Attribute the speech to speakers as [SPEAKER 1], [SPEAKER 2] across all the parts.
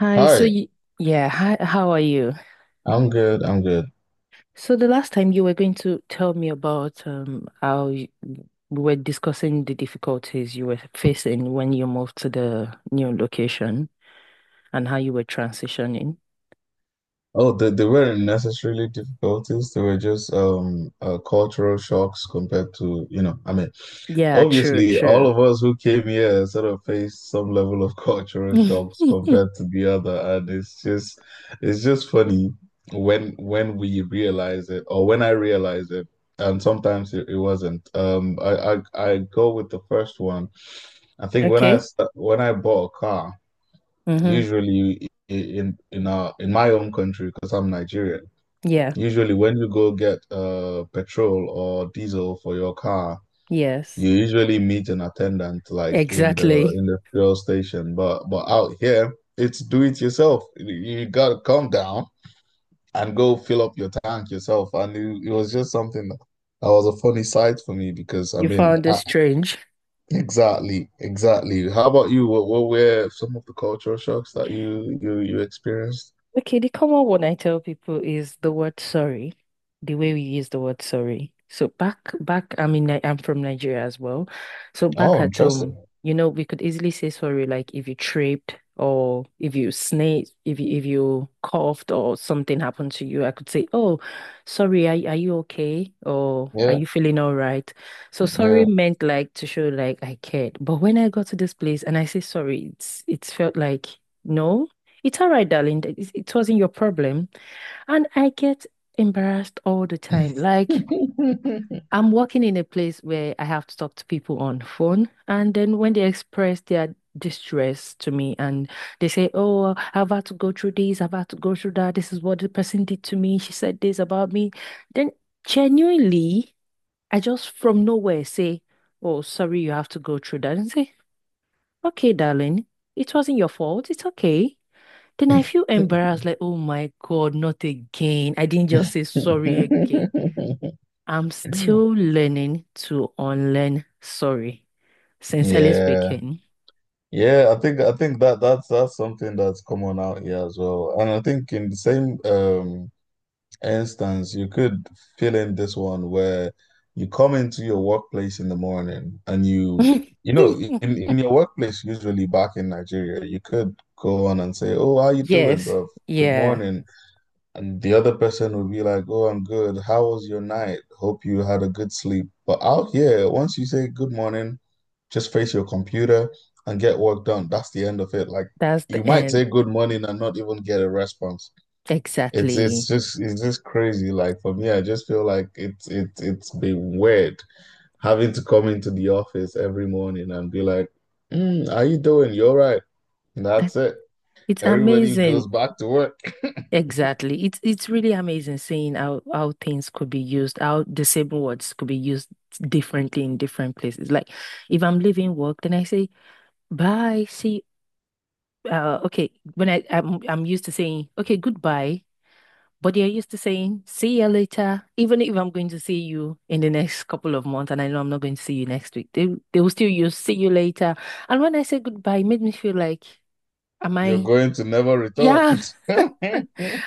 [SPEAKER 1] Hi, so
[SPEAKER 2] Hi,
[SPEAKER 1] you, yeah, hi, how are you?
[SPEAKER 2] I'm good. I'm good.
[SPEAKER 1] So the last time you were going to tell me about how you, we were discussing the difficulties you were facing when you moved to the new location and how you were transitioning.
[SPEAKER 2] Oh, they weren't necessarily difficulties. They were just cultural shocks compared to, I mean,
[SPEAKER 1] Yeah, true,
[SPEAKER 2] obviously all
[SPEAKER 1] true.
[SPEAKER 2] of us who came here sort of faced some level of cultural shocks
[SPEAKER 1] Mhm.
[SPEAKER 2] compared to the other, and it's just funny when we realize it or when I realize it, and sometimes it wasn't. I go with the first one. I think
[SPEAKER 1] Okay.
[SPEAKER 2] when I bought a car.
[SPEAKER 1] Mm-hmm.
[SPEAKER 2] Usually in my own country, because I'm Nigerian,
[SPEAKER 1] Yeah,
[SPEAKER 2] usually when you go get petrol or diesel for your car,
[SPEAKER 1] yes,
[SPEAKER 2] you usually meet an attendant like in the
[SPEAKER 1] exactly.
[SPEAKER 2] in the fuel station. But out here, it's do it yourself. You gotta come down and go fill up your tank yourself. And it was just something that was a funny sight for me because I
[SPEAKER 1] You
[SPEAKER 2] mean,
[SPEAKER 1] found it strange.
[SPEAKER 2] exactly, exactly. How about you? What were some of the cultural shocks that you experienced?
[SPEAKER 1] Okay, the common one I tell people is the word sorry, the way we use the word sorry. So back, I'm from Nigeria as well. So back
[SPEAKER 2] Oh,
[SPEAKER 1] at
[SPEAKER 2] interesting.
[SPEAKER 1] home, you know, we could easily say sorry, like if you tripped or if you sneezed, if you coughed or something happened to you, I could say, "Oh, sorry, are you okay? Or are
[SPEAKER 2] Yeah,
[SPEAKER 1] you feeling all right?" So sorry
[SPEAKER 2] yeah.
[SPEAKER 1] meant like to show like I cared. But when I got to this place and I say sorry, it's felt like no. It's all right, darling. It wasn't your problem. And I get embarrassed all the time. Like, I'm working in a place where I have to talk to people on phone. And then when they express their distress to me and they say, "Oh, I've had to go through this, I've had to go through that. This is what the person did to me. She said this about me." Then genuinely, I just from nowhere say, "Oh, sorry, you have to go through that." And say, "Okay, darling, it wasn't your fault. It's okay." Then I feel embarrassed, like, oh my God, not again. I didn't just say sorry again. I'm still learning to unlearn sorry, sincerely
[SPEAKER 2] Yeah.
[SPEAKER 1] speaking.
[SPEAKER 2] Yeah, I think that's something that's common out here as well. And I think in the same instance, you could fill in this one where you come into your workplace in the morning and in, in your workplace usually back in Nigeria, you could go on and say, "Oh, how you doing,
[SPEAKER 1] Yes,
[SPEAKER 2] bro? Good
[SPEAKER 1] yeah,
[SPEAKER 2] morning." And the other person would be like, "Oh, I'm good. How was your night? Hope you had a good sleep." But out here, once you say good morning, just face your computer and get work done. That's the end of it. Like
[SPEAKER 1] that's
[SPEAKER 2] you
[SPEAKER 1] the
[SPEAKER 2] might
[SPEAKER 1] end.
[SPEAKER 2] say good morning and not even get a response. It's it's
[SPEAKER 1] Exactly.
[SPEAKER 2] just it's just crazy. Like for me, I just feel like it's been weird having to come into the office every morning and be like, how you doing? You're right. And
[SPEAKER 1] I-
[SPEAKER 2] that's it.
[SPEAKER 1] It's
[SPEAKER 2] Everybody goes
[SPEAKER 1] amazing.
[SPEAKER 2] back to work.
[SPEAKER 1] Exactly. It's really amazing seeing how things could be used, how the same words could be used differently in different places. Like if I'm leaving work, then I say bye, see okay, when I'm used to saying okay, goodbye, but they're used to saying see you later, even if I'm going to see you in the next couple of months and I know I'm not going to see you next week. They will still use see you later. And when I say goodbye, it made me feel like, am
[SPEAKER 2] You're
[SPEAKER 1] I
[SPEAKER 2] going to never return.
[SPEAKER 1] yeah,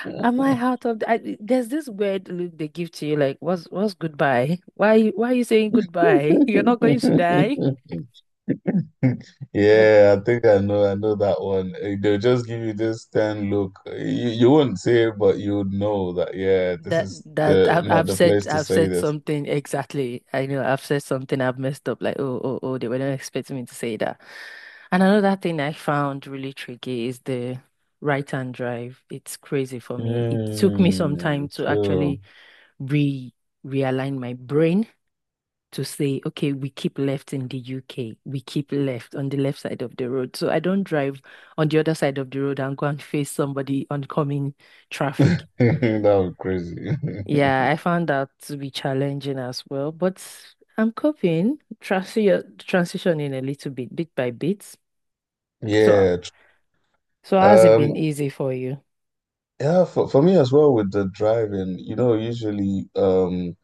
[SPEAKER 1] am I out of the, I, there's this weird look they give to you like what's goodbye? Why are you saying goodbye? You're not going to die. But
[SPEAKER 2] Yeah, I think I know. I know that one. They'll just give you this ten look. You wouldn't say it, but you would know that. Yeah, this
[SPEAKER 1] That
[SPEAKER 2] is
[SPEAKER 1] that
[SPEAKER 2] the not the place to
[SPEAKER 1] I've
[SPEAKER 2] say
[SPEAKER 1] said
[SPEAKER 2] this.
[SPEAKER 1] something exactly. I know I've said something I've messed up. Like oh, they were not expecting me to say that. And another thing I found really tricky is the right-hand drive. It's crazy for me. It took me some time
[SPEAKER 2] Hmm.
[SPEAKER 1] to
[SPEAKER 2] True.
[SPEAKER 1] actually re realign my brain to say, okay, we keep left in the UK. We keep left on the left side of the road. So I don't drive on the other side of the road and go and face somebody oncoming traffic.
[SPEAKER 2] That was crazy.
[SPEAKER 1] Yeah, I found that to be challenging as well, but I'm coping, transitioning a little bit, bit by bit. So,
[SPEAKER 2] Yeah. tr-
[SPEAKER 1] has it been
[SPEAKER 2] Um.
[SPEAKER 1] easy for you?
[SPEAKER 2] Yeah. For me as well with the driving, usually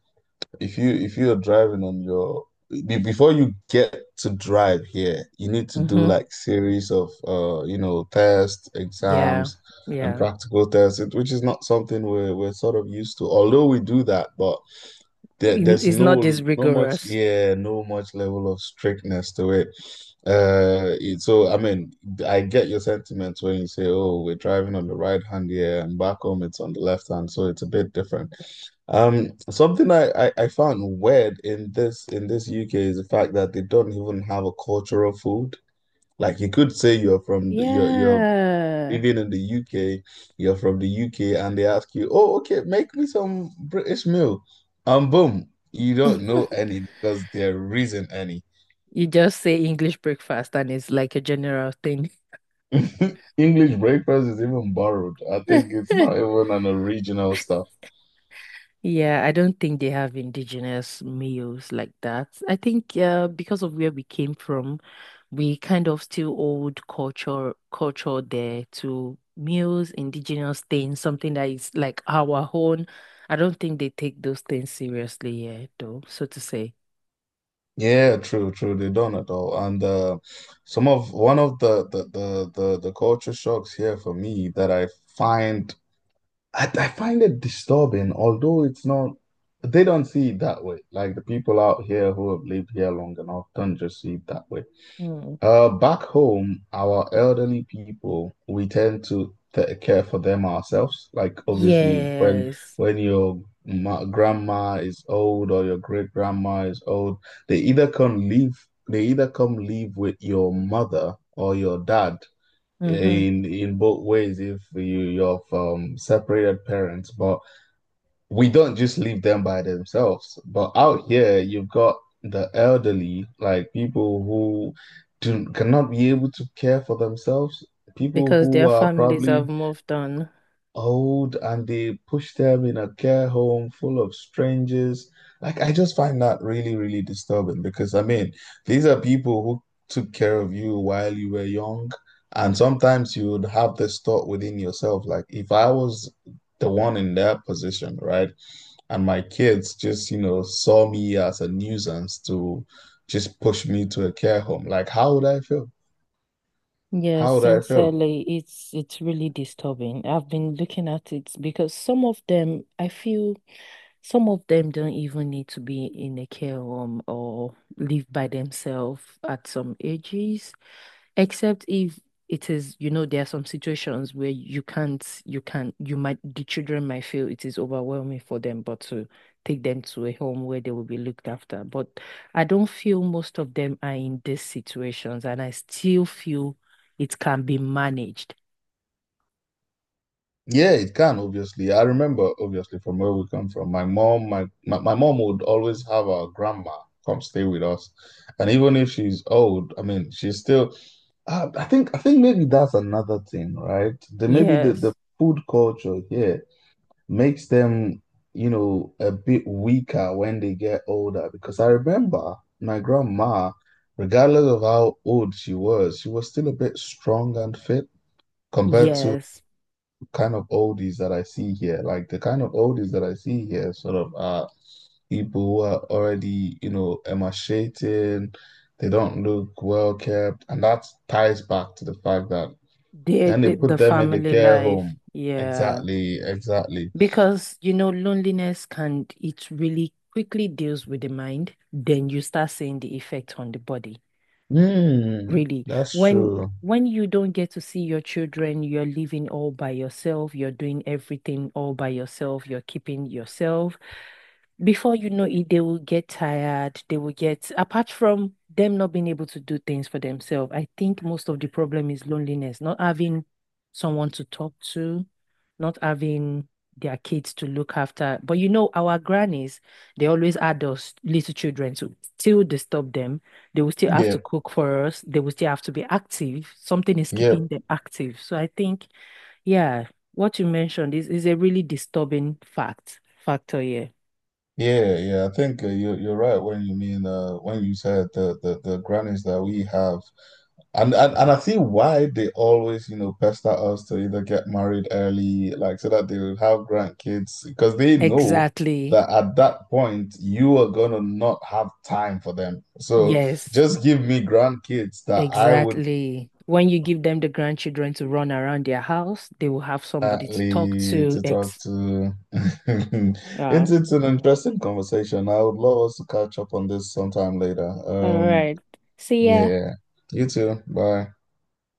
[SPEAKER 2] if you are driving on your before you get to drive here, you need to do
[SPEAKER 1] Hmm.
[SPEAKER 2] like series of tests,
[SPEAKER 1] Yeah,
[SPEAKER 2] exams, and
[SPEAKER 1] yeah.
[SPEAKER 2] practical tests, which is not something we're sort of used to. Although we do that, but there,
[SPEAKER 1] In-
[SPEAKER 2] there's
[SPEAKER 1] It's not
[SPEAKER 2] no
[SPEAKER 1] this
[SPEAKER 2] no much
[SPEAKER 1] rigorous.
[SPEAKER 2] yeah no much level of strictness to it. So I mean, I get your sentiments when you say, "Oh, we're driving on the right hand here, and back home it's on the left hand," so it's a bit different. Something I found weird in this UK is the fact that they don't even have a cultural food. Like you could say you're you're
[SPEAKER 1] Yeah.
[SPEAKER 2] even in the UK, you're from the UK, and they ask you, "Oh, okay, make me some British meal," and boom, you don't know any because there isn't any.
[SPEAKER 1] You just say English breakfast and it's like a general thing.
[SPEAKER 2] English breakfast is even borrowed. I think it's not even an original stuff.
[SPEAKER 1] Yeah, I don't think they have indigenous meals like that. I think because of where we came from. We kind of still hold culture there to muse indigenous things, something that is like our own. I don't think they take those things seriously here, though, so to say.
[SPEAKER 2] Yeah, true, true. They don't at all. And some of one of the culture shocks here for me that find I find it disturbing, although it's not, they don't see it that way. Like the people out here who have lived here long enough don't just see it that way.
[SPEAKER 1] Mm.
[SPEAKER 2] Back home, our elderly people, we tend to care for them ourselves. Like obviously, when
[SPEAKER 1] Yes.
[SPEAKER 2] when your ma grandma is old or your great grandma is old, they either come live they either come live with your mother or your dad.
[SPEAKER 1] Hmm.
[SPEAKER 2] In both ways, if you're from separated parents, but we don't just leave them by themselves. But out here, you've got the elderly, like people who do cannot be able to care for themselves, people
[SPEAKER 1] Because
[SPEAKER 2] who
[SPEAKER 1] their
[SPEAKER 2] are
[SPEAKER 1] families have
[SPEAKER 2] probably
[SPEAKER 1] moved on.
[SPEAKER 2] old and they push them in a care home full of strangers. Like I just find that really, really disturbing because I mean, these are people who took care of you while you were young. And sometimes you would have this thought within yourself, like if I was the one in their position, right? And my kids just saw me as a nuisance to just push me to a care home. Like, how would I feel?
[SPEAKER 1] Yes,
[SPEAKER 2] How would I feel?
[SPEAKER 1] sincerely, it's really disturbing. I've been looking at it because some of them, I feel some of them don't even need to be in a care home or live by themselves at some ages, except if it is, you know, there are some situations where you can't, you can't, you might, the children might feel it is overwhelming for them, but to take them to a home where they will be looked after. But I don't feel most of them are in these situations, and I still feel it can be managed.
[SPEAKER 2] Yeah, it can, obviously. I remember, obviously, from where we come from. My mom would always have our grandma come stay with us. And even if she's old, I mean, she's still, I think maybe that's another thing, right? The, maybe the,
[SPEAKER 1] Yes,
[SPEAKER 2] the food culture here makes them a bit weaker when they get older. Because I remember my grandma, regardless of how old she was still a bit strong and fit compared to
[SPEAKER 1] yes,
[SPEAKER 2] kind of oldies that I see here. Like the kind of oldies that I see here sort of are people who are already emaciated. They don't look well kept. And that ties back to the fact that
[SPEAKER 1] they,
[SPEAKER 2] then they
[SPEAKER 1] the
[SPEAKER 2] put them in the
[SPEAKER 1] family
[SPEAKER 2] care
[SPEAKER 1] life,
[SPEAKER 2] home.
[SPEAKER 1] yeah.
[SPEAKER 2] Exactly, exactly.
[SPEAKER 1] Because, you know, loneliness can, it really quickly deals with the mind. Then you start seeing the effect on the body.
[SPEAKER 2] Mm,
[SPEAKER 1] Really.
[SPEAKER 2] that's
[SPEAKER 1] When
[SPEAKER 2] true.
[SPEAKER 1] when you don't get to see your children, you're living all by yourself, you're doing everything all by yourself, you're keeping yourself. Before you know it, they will get tired. They will get, apart from them not being able to do things for themselves, I think most of the problem is loneliness, not having someone to talk to, not having their kids to look after. But you know, our grannies, they always had us little children to still disturb them. They will still have to
[SPEAKER 2] Yep,
[SPEAKER 1] cook for us. They will still have to be active. Something is
[SPEAKER 2] yep,
[SPEAKER 1] keeping them active. So I think, yeah, what you mentioned is, a really disturbing factor here.
[SPEAKER 2] yeah, yeah. I think you're right when you mean when you said the grannies that we have, and I see why they always pester us to either get married early, like so that they will have grandkids, because they know
[SPEAKER 1] Exactly.
[SPEAKER 2] that at that point you are gonna not have time for them. So
[SPEAKER 1] Yes,
[SPEAKER 2] just give me grandkids that I would.
[SPEAKER 1] exactly. When you give them the grandchildren to run around their house, they will have somebody to talk
[SPEAKER 2] Exactly
[SPEAKER 1] to.
[SPEAKER 2] to talk
[SPEAKER 1] Ex.
[SPEAKER 2] to. It's
[SPEAKER 1] Wow.
[SPEAKER 2] it's an interesting conversation. I would love us to catch up on this sometime later.
[SPEAKER 1] All right. See ya.
[SPEAKER 2] Yeah. You too. Bye.